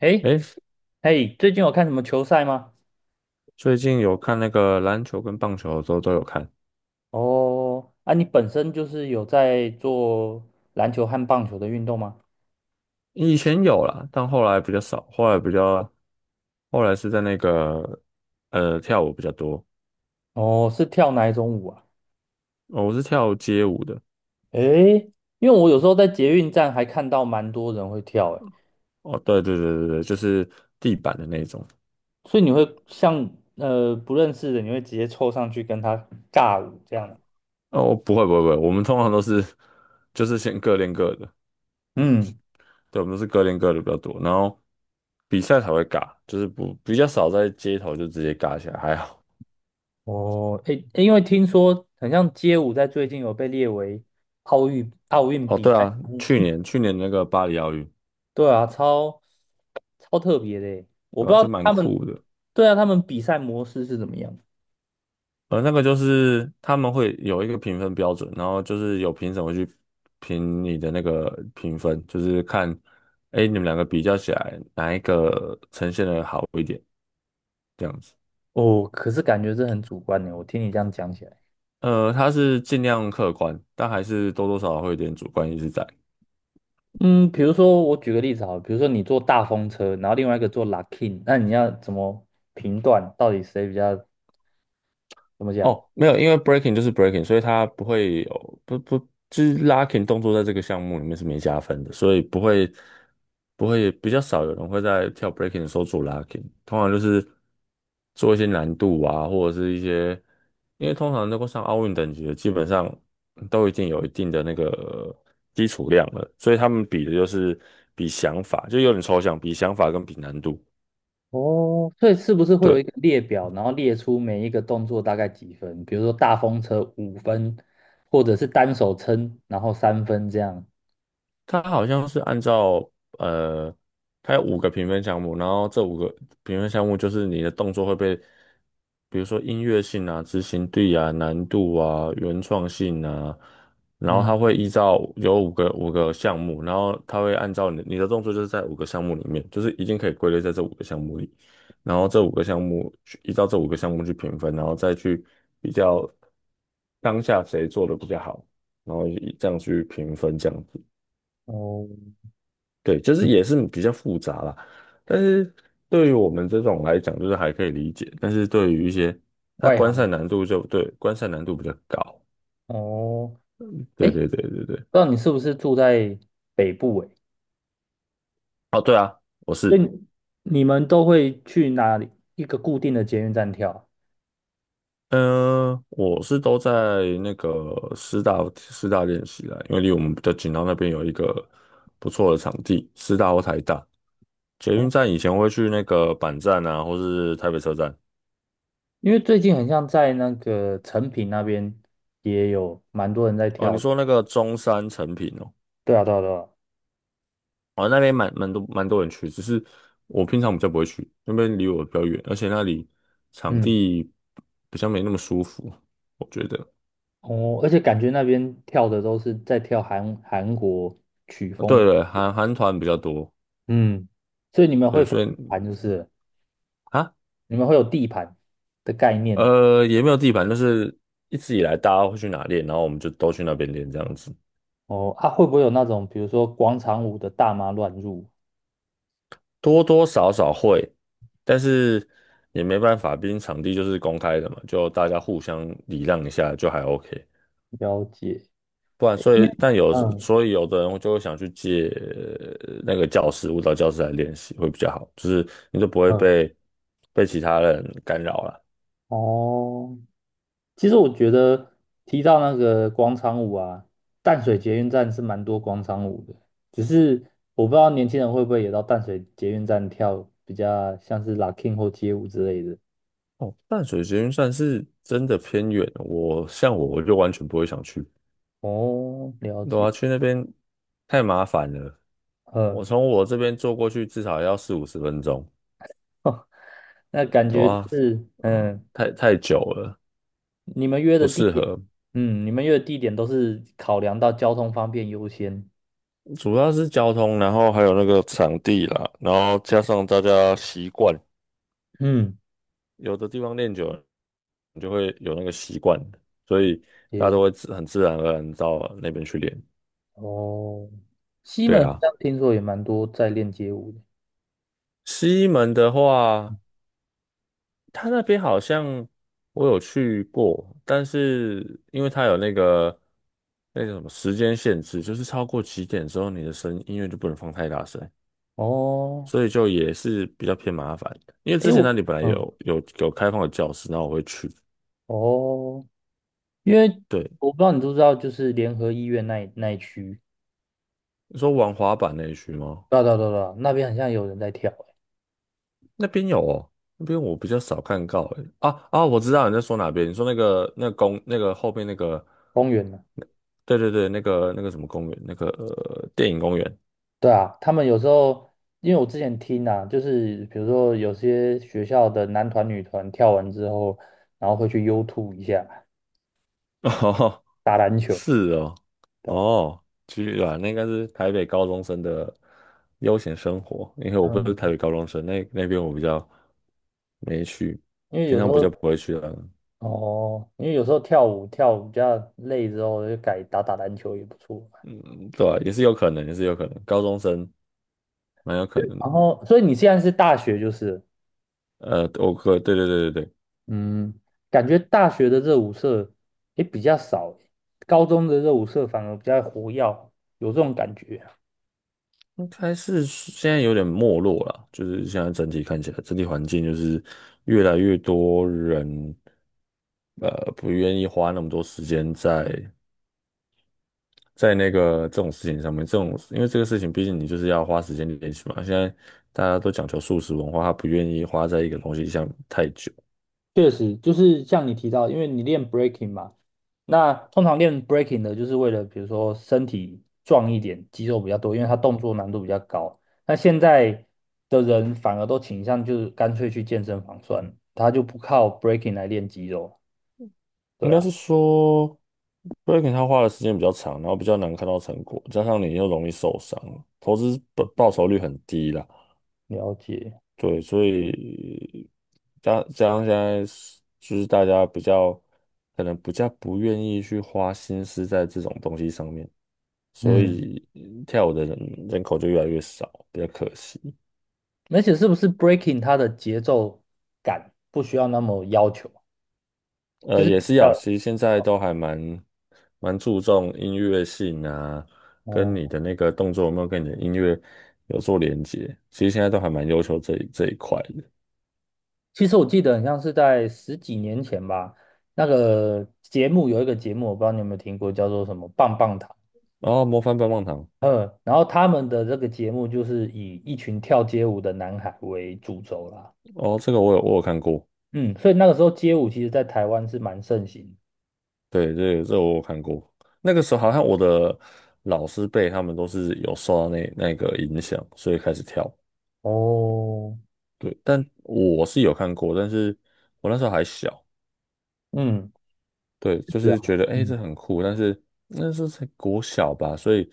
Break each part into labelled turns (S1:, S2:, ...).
S1: 诶，
S2: 诶，
S1: 嘿，最近有看什么球赛吗？
S2: 最近有看那个篮球跟棒球的时候都有看，
S1: 哦，啊，你本身就是有在做篮球和棒球的运动吗？
S2: 以前有啦，但后来比较少，后来比较，后来是在那个跳舞比较多，
S1: 哦，是跳哪一种舞啊？
S2: 哦，我是跳街舞的，
S1: 诶，因为我有时候在捷运站还看到蛮多人会跳，诶，
S2: 哦，对对对对对，就是地板的那种，
S1: 所以你会像不认识的，你会直接凑上去跟他尬舞这样吗？
S2: 哦，不会不会不会，我们通常都是就是先各练各的，
S1: 嗯，
S2: 对，我们都是各练各的比较多，然后比赛才会尬，就是不比较少在街头就直接尬起来，还好，
S1: 哦，诶，诶因为听说很像街舞在最近有被列为奥运
S2: 哦，
S1: 比
S2: 对
S1: 赛。
S2: 啊，去年那个巴黎奥运，
S1: 对啊，超特别的欸我
S2: 对
S1: 不知
S2: 吧，就
S1: 道
S2: 蛮
S1: 他们，
S2: 酷的。
S1: 对啊，他们比赛模式是怎么样？
S2: 那个就是他们会有一个评分标准，然后就是有评审会去评你的那个评分，就是看，哎，你们两个比较起来，哪一个呈现的好一点，这样子。
S1: 哦，可是感觉是很主观的，我听你这样讲起来，
S2: 他是尽量客观，但还是多多少少会有点主观意识在。
S1: 嗯，比如说我举个例子好了，比如说你坐大风车，然后另外一个坐 Luckin，那你要怎么评断到底谁比较怎么讲？
S2: 哦，没有，因为 breaking 就是 breaking，所以它不会有不不就是 locking 动作在这个项目里面是没加分的，所以不会比较少有人会在跳 breaking 的时候做 locking，通常就是做一些难度啊，或者是一些因为通常能够上奥运等级的，基本上都已经有一定的那个基础量了，所以他们比的就是比想法，就有点抽象，比想法跟比难度。
S1: 哦，所以是不是会有一
S2: 对。
S1: 个列表，然后列出每一个动作大概几分？比如说大风车5分，或者是单手撑，然后3分这样。
S2: 它好像是按照呃，它有五个评分项目，然后这五个评分项目就是你的动作会被，比如说音乐性啊、执行力啊、难度啊、原创性啊，然后它
S1: 嗯，
S2: 会依照有五个项目，然后它会按照你的动作就是在五个项目里面，就是已经可以归类在这五个项目里，然后这五个项目去依照这五个项目去评分，然后再去比较当下谁做的比较好，然后以这样去评分这样子。
S1: 哦，
S2: 对，就是也是比较复杂啦，但是对于我们这种来讲，就是还可以理解，但是对于一些它
S1: 外
S2: 观赛
S1: 行。
S2: 难度就对，观赛难度比较高。
S1: 哦，哎，
S2: 对
S1: 不知
S2: 对对对对，
S1: 道你是不是住在北部哎，
S2: 哦对啊，我
S1: 所以
S2: 是，
S1: 你们都会去哪里一个固定的捷运站跳啊
S2: 嗯、我是都在那个师大练习啦，因为离我们比较近，然后那边有一个不错的场地，师大或台大。捷运
S1: 哦
S2: 站以前会去那个板站啊，或是台北车站。
S1: 因为最近很像在那个成品那边也有蛮多人在
S2: 哦，你
S1: 跳的。
S2: 说那个中山成品哦。
S1: 对啊，对啊，对啊。
S2: 哦，那边蛮多人去，只是我平常比较不会去，那边离我比较远，而且那里场
S1: 嗯，
S2: 地比较没那么舒服，我觉得。
S1: 哦，而且感觉那边跳的都是在跳韩国曲
S2: 哦
S1: 风。
S2: 对对了韩团比较多，
S1: 嗯，所以你们会
S2: 对，
S1: 分
S2: 所
S1: 地
S2: 以
S1: 盘就是了
S2: 啊，
S1: 你们会有地盘的概念。
S2: 也没有地盘，就是一直以来大家会去哪练，然后我们就都去那边练这样子，
S1: 哦，啊，会不会有那种比如说广场舞的大妈乱入？
S2: 多多少少会，但是也没办法，毕竟场地就是公开的嘛，就大家互相礼让一下就还 OK。
S1: 了解。
S2: 不然，所
S1: 因为
S2: 以但有
S1: 嗯，
S2: 所以有的人就会想去借那个教室，舞蹈教室来练习会比较好，就是你就不会
S1: 嗯，
S2: 被其他人干扰了。
S1: 哦，其实我觉得提到那个广场舞啊，淡水捷运站是蛮多广场舞的，只是我不知道年轻人会不会也到淡水捷运站跳比较像是 locking 或街舞之类的。
S2: 哦，淡水捷运站是真的偏远哦，我像我就完全不会想去，
S1: 哦，了
S2: 对
S1: 解。
S2: 啊，去那边太麻烦了。我
S1: 嗯，
S2: 从我这边坐过去至少要四五十分钟，
S1: 那感
S2: 对
S1: 觉就
S2: 啊，
S1: 是嗯，
S2: 太久了，
S1: 你们约
S2: 不
S1: 的地
S2: 适
S1: 点，
S2: 合。
S1: 嗯，你们约的地点都是考量到交通方便优先。
S2: 主要是交通，然后还有那个场地啦，然后加上大家习惯。
S1: 嗯，
S2: 有的地方练久了，你就会有那个习惯，所以大家
S1: 也
S2: 都会很自然而然到那边去练。
S1: 哦，西
S2: 对
S1: 门好
S2: 啊，
S1: 像听说也蛮多在练街舞的。
S2: 西门的话，它那边好像我有去过，但是因为它有那个什么时间限制，就是超过几点之后，你的声音乐就不能放太大声，
S1: 哦，
S2: 所以就也是比较偏麻烦的。因为
S1: 诶，
S2: 之前那
S1: 我
S2: 里本来
S1: 嗯
S2: 有开放的教室，然后我会去。
S1: 哦，因为
S2: 对，
S1: 我不知道你知不知道，就是联合医院那一区，
S2: 你说玩滑板那一区吗？
S1: 对啊对啊对啊，对啊那边好像有人在跳、欸，
S2: 那边有哦，那边我比较少看到诶。啊啊，我知道你在说哪边，你说那个那个那个后边那个，
S1: 公园呢、
S2: 那对对对，那个什么公园，那个电影公园。
S1: 对啊，他们有时候，因为我之前听啊，就是比如说有些学校的男团女团跳完之后，然后会去 U 吐一下，
S2: 哦，
S1: 打篮球，
S2: 是哦，
S1: 对吧、
S2: 哦，居然那应该是台北高中生的悠闲生活，因为我不是
S1: 嗯，
S2: 台北高中生，那边我比较没去，
S1: 因为
S2: 平
S1: 有时
S2: 常比较
S1: 候
S2: 不会去了。
S1: 哦，因为有时候跳舞跳舞比较累之后，就改打篮球也不错。
S2: 嗯，对啊也是有可能，也是有可能，高中生蛮有可能的。
S1: 然后，所以你现在是大学就是了
S2: 对对对对对。
S1: 嗯，感觉大学的热舞社也比较少，高中的热舞社反而比较活跃，有这种感觉。
S2: 应该是现在有点没落了，就是现在整体看起来，整体环境就是越来越多人，呃，不愿意花那么多时间在那个这种事情上面，这种因为这个事情，毕竟你就是要花时间练习嘛。现在大家都讲求速食文化，他不愿意花在一个东西上太久，
S1: 确实，就是像你提到，因为你练 breaking 嘛，那通常练 breaking 的就是为了，比如说身体壮一点，肌肉比较多，因为它动作难度比较高。那现在的人反而都倾向就是干脆去健身房算了他就不靠 breaking 来练肌肉。
S2: 应
S1: 对
S2: 该
S1: 啊，
S2: 是说 breaking 他花的时间比较长，然后比较难看到成果，加上你又容易受伤，投资报酬率很低啦。
S1: 了解。
S2: 对，所以加上现在是就是大家比较可能比较不愿意去花心思在这种东西上面，所
S1: 嗯。
S2: 以跳舞的人口就越来越少，比较可惜。
S1: 而且是不是 breaking 它的节奏感不需要那么要求，就是
S2: 也
S1: 比
S2: 是要，
S1: 较
S2: 其实现在都还蛮注重音乐性啊，跟
S1: 哦、
S2: 你的那个动作有没有跟你的音乐有做连接，其实现在都还蛮要求这一块的。
S1: 其实我记得很像是在十几年前吧，那个节目有一个节目，我不知道你有没有听过，叫做什么棒棒糖。
S2: 然后《模范棒棒糖》，
S1: 嗯，然后他们的这个节目就是以一群跳街舞的男孩为主轴啦。
S2: 哦，这个我有看过。
S1: 嗯，所以那个时候街舞其实在台湾是蛮盛行
S2: 对，这我有看过。那个时候好像我的老师辈他们都是有受到那个影响，所以开始跳。
S1: 的哦，
S2: 对，但我是有看过，但是我那时候还小，
S1: 嗯，
S2: 对，就
S1: 是啊，
S2: 是觉得哎、诶
S1: 嗯，
S2: 这很酷，但是那时候才国小吧，所以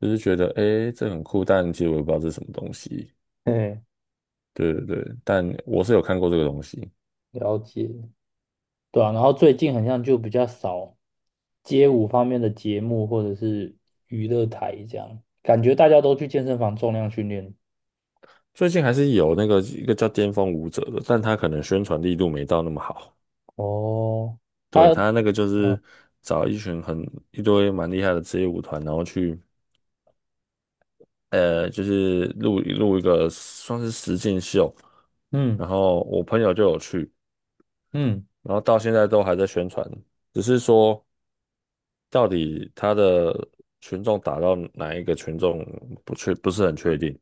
S2: 就是觉得哎、诶这很酷，但其实我也不知道这是什么东西。
S1: 嘿，
S2: 对对对，但我是有看过这个东西。
S1: 了解。对啊，然后最近好像就比较少街舞方面的节目或者是娱乐台这样，感觉大家都去健身房重量训练。
S2: 最近还是有那个一个叫《巅峰舞者》的，但他可能宣传力度没到那么好。
S1: 哦，
S2: 对，
S1: 他，
S2: 他那个就
S1: 嗯
S2: 是找一群一堆蛮厉害的职业舞团，然后去就是录一个算是实境秀，
S1: 嗯
S2: 然后我朋友就有去，
S1: 嗯
S2: 然后到现在都还在宣传，只是说到底他的群众打到哪一个群众不是很确定。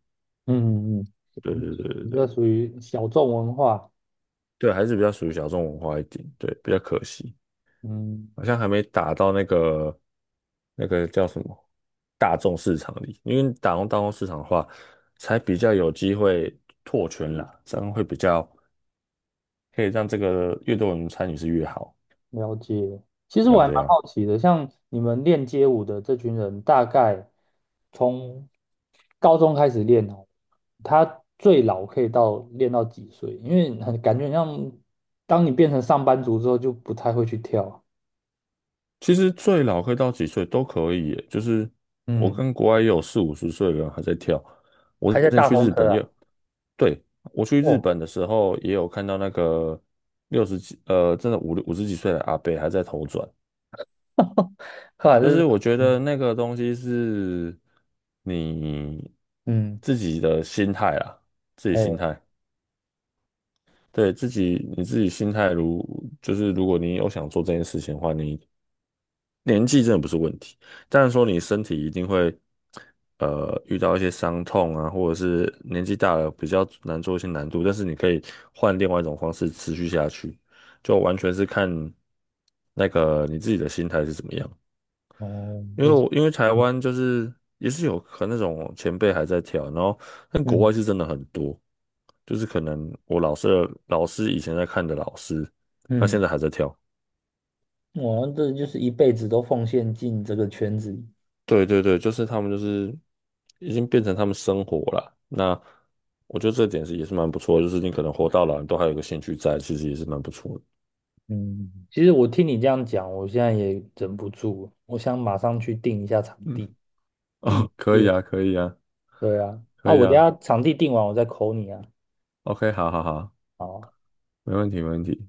S1: 嗯嗯，嗯，
S2: 对对对对
S1: 一
S2: 对
S1: 个属于小众文化。
S2: 对，还是比较属于小众文化一点，对，比较可惜。
S1: 嗯。
S2: 好像还没打到那个叫什么大众市场里，因为打到大众市场的话，才比较有机会拓圈啦，这样会比较可以让这个越多人参与是越好。
S1: 了解。其实
S2: 对
S1: 我
S2: 啊，
S1: 还
S2: 对
S1: 蛮
S2: 啊，
S1: 好奇的，像你们练街舞的这群人，大概从高中开始练哦，他最老可以到练到几岁？因为很感觉很像，当你变成上班族之后，就不太会去跳啊
S2: 其实最老可以到几岁都可以耶就是我
S1: 嗯，
S2: 跟国外也有四五十岁的人还在跳。我
S1: 还
S2: 之
S1: 在
S2: 前
S1: 大
S2: 去
S1: 风
S2: 日
S1: 车
S2: 本
S1: 啊？
S2: 也，对，我去日
S1: 哦，
S2: 本的时候也有看到那个六十几，真的五十几岁的阿伯还在头转。
S1: 呵，
S2: 就
S1: 这
S2: 是
S1: 是，
S2: 我觉得那个东西是你
S1: 嗯，
S2: 自己的心态啊，自己心
S1: 哎，
S2: 态，对，自己你自己心态，就是如果你有想做这件事情的话，你年纪真的不是问题。但是说你身体一定会遇到一些伤痛啊，或者是年纪大了比较难做一些难度，但是你可以换另外一种方式持续下去，就完全是看那个你自己的心态是怎么样。
S1: 哦，哎，
S2: 因为台湾就是也是有可能那种前辈还在跳，然后但国
S1: 嗯
S2: 外是真的很多，就是可能我老师的老师以前在看的老师，他
S1: 嗯，嗯，
S2: 现在还在跳。
S1: 我们这就是一辈子都奉献进这个圈子里。
S2: 对对对，就是他们就是已经变成他们生活了。那我觉得这点是也是蛮不错的就是你可能活到老，你都还有个兴趣在，其实也是蛮不错的。
S1: 嗯，其实我听你这样讲，我现在也忍不住，我想马上去定一下场
S2: 嗯，
S1: 地，立
S2: 哦，
S1: 体
S2: 可以
S1: 练。
S2: 啊，可以啊，
S1: 对啊，啊，
S2: 可以
S1: 我等一
S2: 啊。
S1: 下场地定完，我再 call 你啊。
S2: OK，好好好，
S1: 好啊
S2: 没问题，没问题。